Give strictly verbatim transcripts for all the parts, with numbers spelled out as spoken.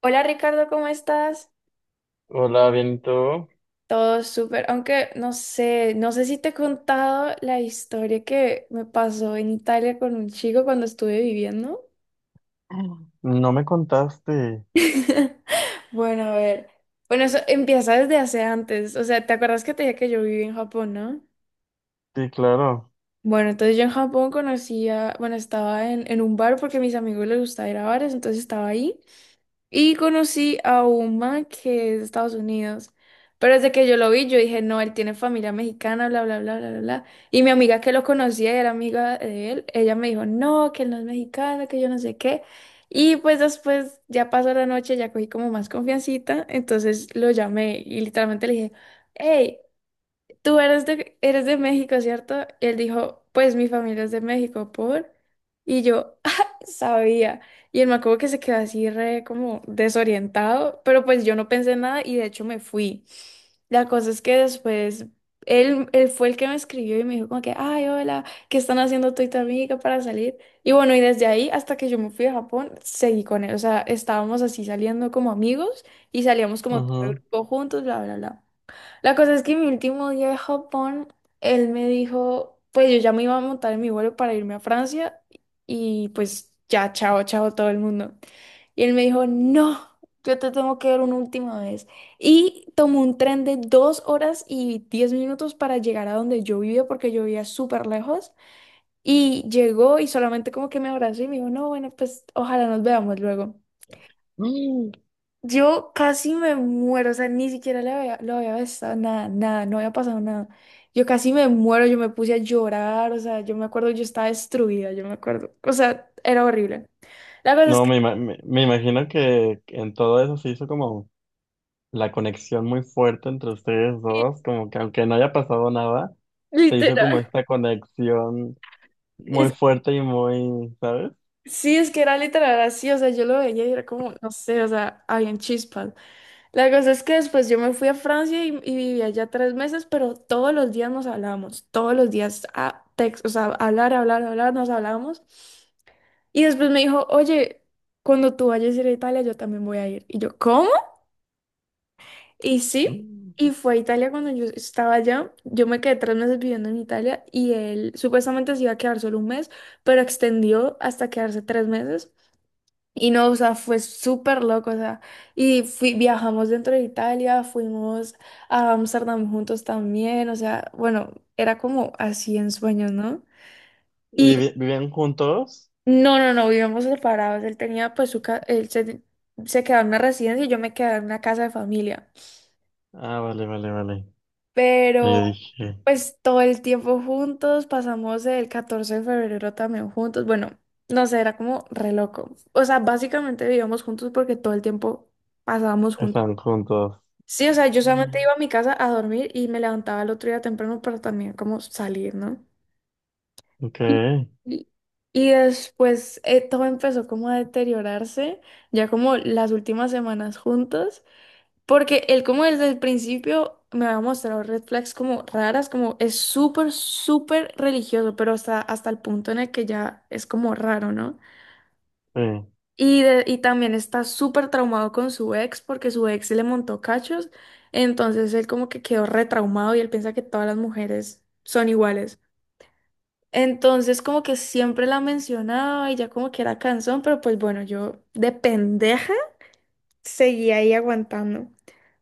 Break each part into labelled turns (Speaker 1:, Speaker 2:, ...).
Speaker 1: Hola Ricardo, ¿cómo estás?
Speaker 2: Hola, bien, ¿y tú?
Speaker 1: Todo súper, aunque no sé, no sé si te he contado la historia que me pasó en Italia con un chico cuando estuve viviendo.
Speaker 2: No me contaste.
Speaker 1: Bueno, a ver. Bueno, eso empieza desde hace antes. O sea, ¿te acuerdas que te dije que yo viví en Japón, no?
Speaker 2: Sí, claro.
Speaker 1: Bueno, entonces yo en Japón conocía, bueno, estaba en, en un bar porque a mis amigos les gustaba ir a bares, entonces estaba ahí. Y conocí a un man que es de Estados Unidos. Pero desde que yo lo vi, yo dije, no, él tiene familia mexicana, bla, bla, bla, bla, bla, bla. Y mi amiga que lo conocía y era amiga de él, ella me dijo, no, que él no es mexicano, que yo no sé qué. Y pues después ya pasó la noche, ya cogí como más confiancita. Entonces lo llamé y literalmente le dije, hey, tú eres de, eres de México, ¿cierto? Y él dijo, pues mi familia es de México, ¿por? Y yo, "Ah, sabía". Y él, me acuerdo que se quedó así re como desorientado, pero pues yo no pensé nada y de hecho me fui. La cosa es que después él, él fue el que me escribió y me dijo como que, ay, hola, ¿qué están haciendo tú y tu amiga para salir? Y bueno, y desde ahí hasta que yo me fui a Japón, seguí con él. O sea, estábamos así saliendo como amigos y salíamos como todo el
Speaker 2: Ujú.
Speaker 1: grupo juntos, bla, bla, bla. La cosa es que mi último día de Japón, él me dijo, pues yo ya me iba a montar en mi vuelo para irme a Francia y pues ya, chao, chao todo el mundo. Y él me dijo, no, yo te tengo que ver una última vez. Y tomó un tren de dos horas y diez minutos para llegar a donde yo vivía porque yo vivía súper lejos. Y llegó y solamente como que me abrazó y me dijo, no, bueno, pues ojalá nos veamos luego.
Speaker 2: Mm.
Speaker 1: Yo casi me muero, o sea, ni siquiera le había, lo había besado, nada, nada, no había pasado nada. Yo casi me muero, yo me puse a llorar, o sea, yo me acuerdo, yo estaba destruida, yo me acuerdo, o sea, era horrible. La cosa es
Speaker 2: No,
Speaker 1: que,
Speaker 2: me, ima- me, me imagino que en todo eso se hizo como la conexión muy fuerte entre ustedes dos, como que aunque no haya pasado nada, se hizo como
Speaker 1: literal,
Speaker 2: esta conexión muy
Speaker 1: es-
Speaker 2: fuerte y muy, ¿sabes?
Speaker 1: sí, es que era literal así, o sea, yo lo veía y era como, no sé, o sea, habían chispas. La cosa es que después yo me fui a Francia y, y viví allá tres meses, pero todos los días nos hablábamos, todos los días, a text, o sea, hablar, hablar, hablar, nos hablábamos. Y después me dijo, oye, cuando tú vayas a ir a Italia, yo también voy a ir. Y yo, ¿cómo? Y sí,
Speaker 2: Mm.
Speaker 1: y fue a Italia cuando yo estaba allá. Yo me quedé tres meses viviendo en Italia y él supuestamente se iba a quedar solo un mes, pero extendió hasta quedarse tres meses. Y no, o sea, fue súper loco, o sea, y fui, viajamos dentro de Italia, fuimos a Amsterdam juntos también, o sea, bueno, era como así en sueños, ¿no?
Speaker 2: ¿Y vivi- Vivían juntos?
Speaker 1: No, no, no, vivíamos separados. Él tenía, pues, su ca- él se, se quedaba en una residencia y yo me quedaba en una casa de familia.
Speaker 2: Ah, vale, vale, vale. Y
Speaker 1: Pero,
Speaker 2: yo dije,
Speaker 1: pues, todo el tiempo juntos, pasamos el catorce de febrero también juntos. Bueno, no sé, era como re loco. O sea, básicamente vivíamos juntos porque todo el tiempo pasábamos juntos.
Speaker 2: están juntos.
Speaker 1: Sí, o sea, yo solamente iba a mi casa a dormir y me levantaba el otro día temprano para también como salir, ¿no?
Speaker 2: Ok,
Speaker 1: Y y y después eh, todo empezó como a deteriorarse, ya como las últimas semanas juntos, porque él como desde el principio me había mostrado red flags como raras, como es súper, súper religioso, pero hasta, hasta el punto en el que ya es como raro, ¿no?
Speaker 2: sí,
Speaker 1: Y, de- y también está súper traumado con su ex porque su ex le montó cachos, entonces él como que quedó retraumado y él piensa que todas las mujeres son iguales. Entonces como que siempre la mencionaba y ya como que era cansón, pero pues bueno, yo de pendeja seguía ahí aguantando.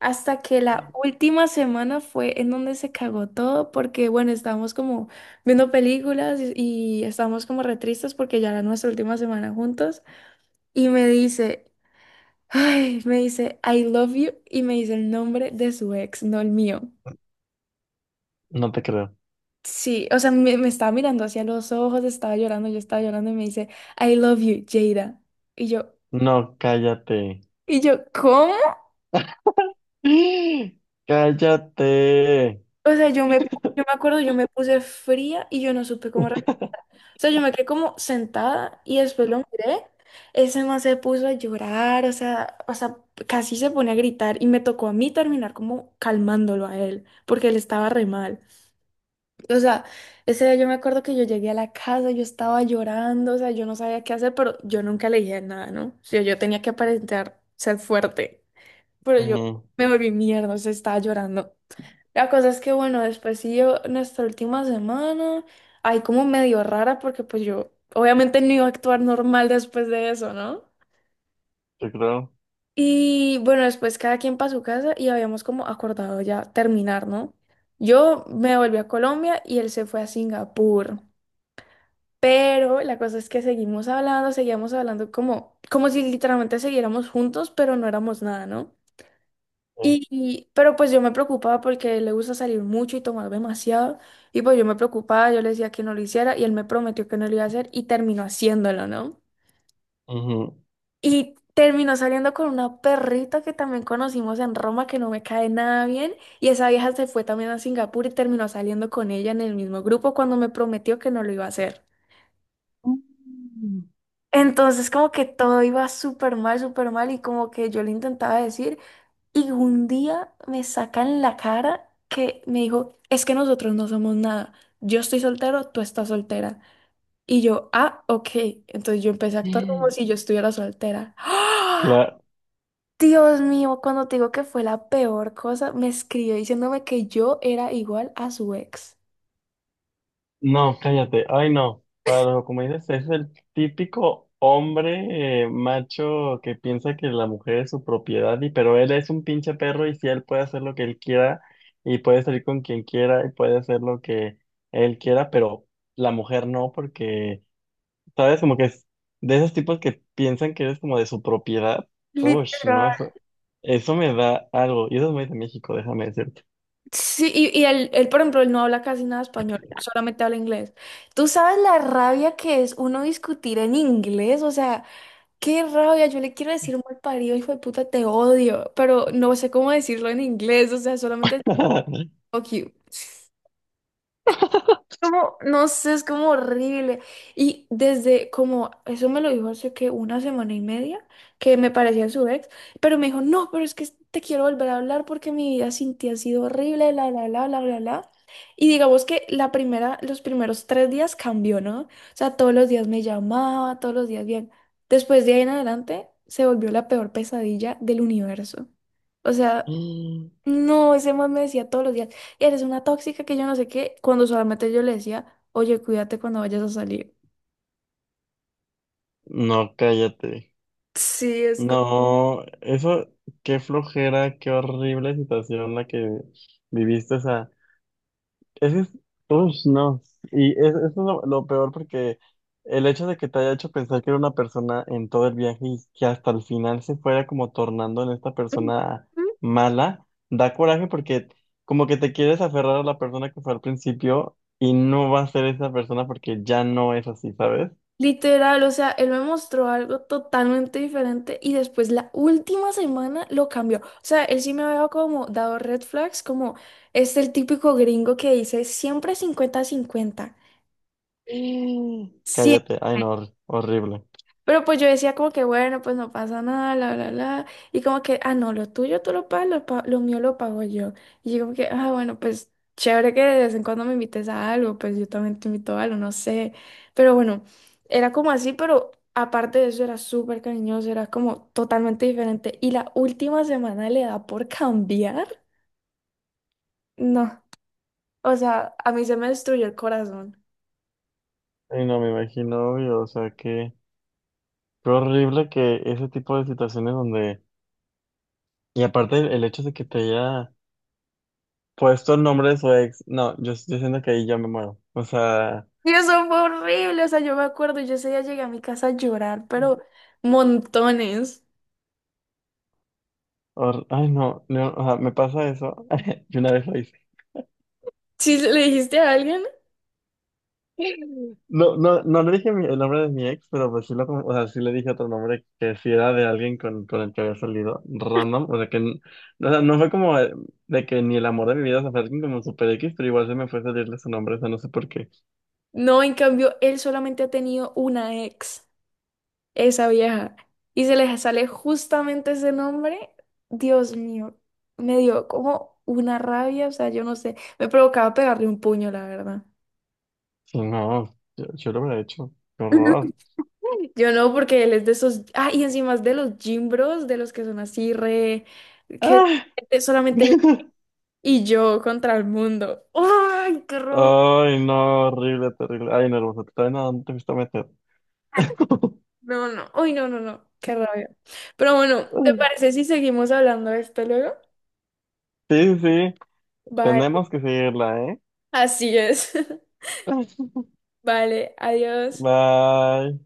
Speaker 1: Hasta que la última semana fue en donde se cagó todo, porque bueno, estábamos como viendo películas y, y estábamos como re tristes porque ya era nuestra última semana juntos. Y me dice, ay, me dice, I love you, y me dice el nombre de su ex, no el mío.
Speaker 2: no te creo.
Speaker 1: Sí, o sea, me, me estaba mirando hacia los ojos, estaba llorando, yo estaba llorando y me dice, I love you, Jada. Y yo,
Speaker 2: No, cállate.
Speaker 1: y yo, ¿cómo?
Speaker 2: ¡Ah! Cállate.
Speaker 1: O sea, yo me, yo me acuerdo, yo me puse fría y yo no supe cómo. re- O sea, yo me quedé como sentada y después lo miré. Ese man se puso a llorar, o sea, o sea, casi se pone a gritar y me tocó a mí terminar como calmándolo a él, porque él estaba re mal. O sea, ese día yo me acuerdo que yo llegué a la casa, yo estaba llorando, o sea, yo no sabía qué hacer, pero yo nunca le dije nada, ¿no? O sea, yo tenía que aparentar ser fuerte, pero yo
Speaker 2: Ujú,
Speaker 1: me volví mierda, o sea, estaba llorando. La cosa es que, bueno, después siguió nuestra última semana, ahí como medio rara, porque pues yo obviamente no iba a actuar normal después de eso, ¿no?
Speaker 2: yo creo.
Speaker 1: Y bueno, después cada quien para su casa y habíamos como acordado ya terminar, ¿no? Yo me volví a Colombia y él se fue a Singapur. Pero la cosa es que seguimos hablando, seguíamos hablando como, como si literalmente siguiéramos juntos, pero no éramos nada, ¿no?
Speaker 2: Sí.
Speaker 1: Y, y- pero pues yo me preocupaba porque le gusta salir mucho y tomar demasiado. Y pues yo me preocupaba, yo le decía que no lo hiciera y él me prometió que no lo iba a hacer y terminó haciéndolo, ¿no?
Speaker 2: Ujú.
Speaker 1: Y terminó saliendo con una perrita que también conocimos en Roma que no me cae nada bien. Y esa vieja se fue también a Singapur y terminó saliendo con ella en el mismo grupo cuando me prometió que no lo iba a hacer.
Speaker 2: Mm.
Speaker 1: Entonces como que todo iba súper mal, súper mal y como que yo le intentaba decir y un día me saca en la cara que me dijo, es que nosotros no somos nada, yo estoy soltero, tú estás soltera. Y yo, ah, ok, entonces yo empecé a actuar como si yo estuviera soltera. ¡Ah!
Speaker 2: Cla-
Speaker 1: Dios mío, cuando te digo que fue la peor cosa, me escribió diciéndome que yo era igual a su ex.
Speaker 2: No, cállate. Ay, no. Para los Ocomedes es el típico hombre eh, macho que piensa que la mujer es su propiedad, y pero él es un pinche perro y si él puede hacer lo que él quiera y puede salir con quien quiera y puede hacer lo que él quiera, pero la mujer no, porque ¿sabes? Como que es de esos tipos que piensan que eres como de su propiedad. Uy,
Speaker 1: Literal.
Speaker 2: no, eso, eso me da algo. Y eso es muy de México, déjame decirte.
Speaker 1: Sí, y, y él, él, por ejemplo, él no habla casi nada español, solamente habla inglés. ¿Tú sabes la rabia que es uno discutir en inglés? O sea, qué rabia, yo le quiero decir mal parido, hijo de puta, te odio, pero no sé cómo decirlo en inglés, o sea, solamente fuck you. Como, no sé, es como horrible. Y desde como, eso me lo dijo hace que una semana y media, que me parecía su ex, pero me dijo, no, pero es que te quiero volver a hablar porque mi vida sin ti ha sido horrible, la, la, la, la, la, la. Y digamos que la primera, los primeros tres días cambió, ¿no? O sea, todos los días me llamaba, todos los días bien. Después de ahí en adelante, se volvió la peor pesadilla del universo. O sea, no, ese man me decía todos los días, eres una tóxica que yo no sé qué, cuando solamente yo le decía, oye, cuídate cuando vayas a salir.
Speaker 2: No, cállate.
Speaker 1: Sí, es co-
Speaker 2: No, eso, qué flojera, qué horrible situación la que viviste. Esa ese es, ush, no. Y es- eso es lo, lo peor porque el hecho de que te haya hecho pensar que era una persona en todo el viaje y que hasta el final se fuera como tornando en esta persona mala, da coraje porque como que te quieres aferrar a la persona que fue al principio y no va a ser esa persona porque ya no es así, ¿sabes?
Speaker 1: literal, o sea, él me mostró algo totalmente diferente y después la última semana lo cambió. O sea, él sí me había como dado red flags, como es el típico gringo que dice siempre cincuenta cincuenta.
Speaker 2: Mm.
Speaker 1: Siempre.
Speaker 2: Cállate, ay no, hor- horrible.
Speaker 1: Pero pues yo decía como que bueno, pues no pasa nada, bla, bla, bla. Y como que, ah, no, lo tuyo tú lo pagas, lo, pa- lo mío lo pago yo. Y yo como que, ah, bueno, pues chévere que de vez en cuando me invites a algo, pues yo también te invito a algo, no sé. Pero bueno, era como así, pero aparte de eso era súper cariñoso, era como totalmente diferente. Y la última semana le da por cambiar. No, o sea, a mí se me destruyó el corazón.
Speaker 2: Ay no, me imagino, obvio, o sea que, qué horrible que ese tipo de situaciones donde, y aparte el el hecho de que te haya. Por estos nombres o ex, no, yo, yo siento que ahí ya me muero. O sea,
Speaker 1: Y eso fue horrible, o sea, yo me acuerdo, yo ese día llegué a mi casa a llorar, pero montones.
Speaker 2: hor- ay no, no, o sea, me pasa eso. Yo una vez lo hice.
Speaker 1: Si se le dijiste a alguien,
Speaker 2: No, no, no le dije mi- el nombre de mi ex, pero pues sí lo, con- o sea, sí le dije otro nombre que sí era de alguien con, con el que había salido random. O sea que n- o sea, no fue como eh, de que ni el amor de mi vida, o sea, fue alguien como super X, pero igual se me fue a salirle su nombre, o sea, no sé por qué.
Speaker 1: no, en cambio, él solamente ha tenido una ex, esa vieja, y se le sale justamente ese nombre, Dios mío, me dio como una rabia, o sea, yo no sé, me provocaba pegarle un puño, la verdad.
Speaker 2: Sí, no, yo, yo lo hubiera hecho. Qué horror.
Speaker 1: Yo no, porque él es de esos, ah, y encima es de los gym bros, de los que son así re, que
Speaker 2: ¡Ah!
Speaker 1: solamente él y yo contra el mundo. ¡Ay, qué rabia!
Speaker 2: Ay, no, horrible, terrible. Ay, nervioso, te traen a dónde te fuiste a meter.
Speaker 1: No, no. Uy, no, no, no. Qué rabia. Pero bueno, ¿te parece si seguimos hablando de esto luego?
Speaker 2: Sí, sí,
Speaker 1: Vale.
Speaker 2: tenemos que seguirla, ¿eh?
Speaker 1: Así es. Vale, adiós.
Speaker 2: Bye.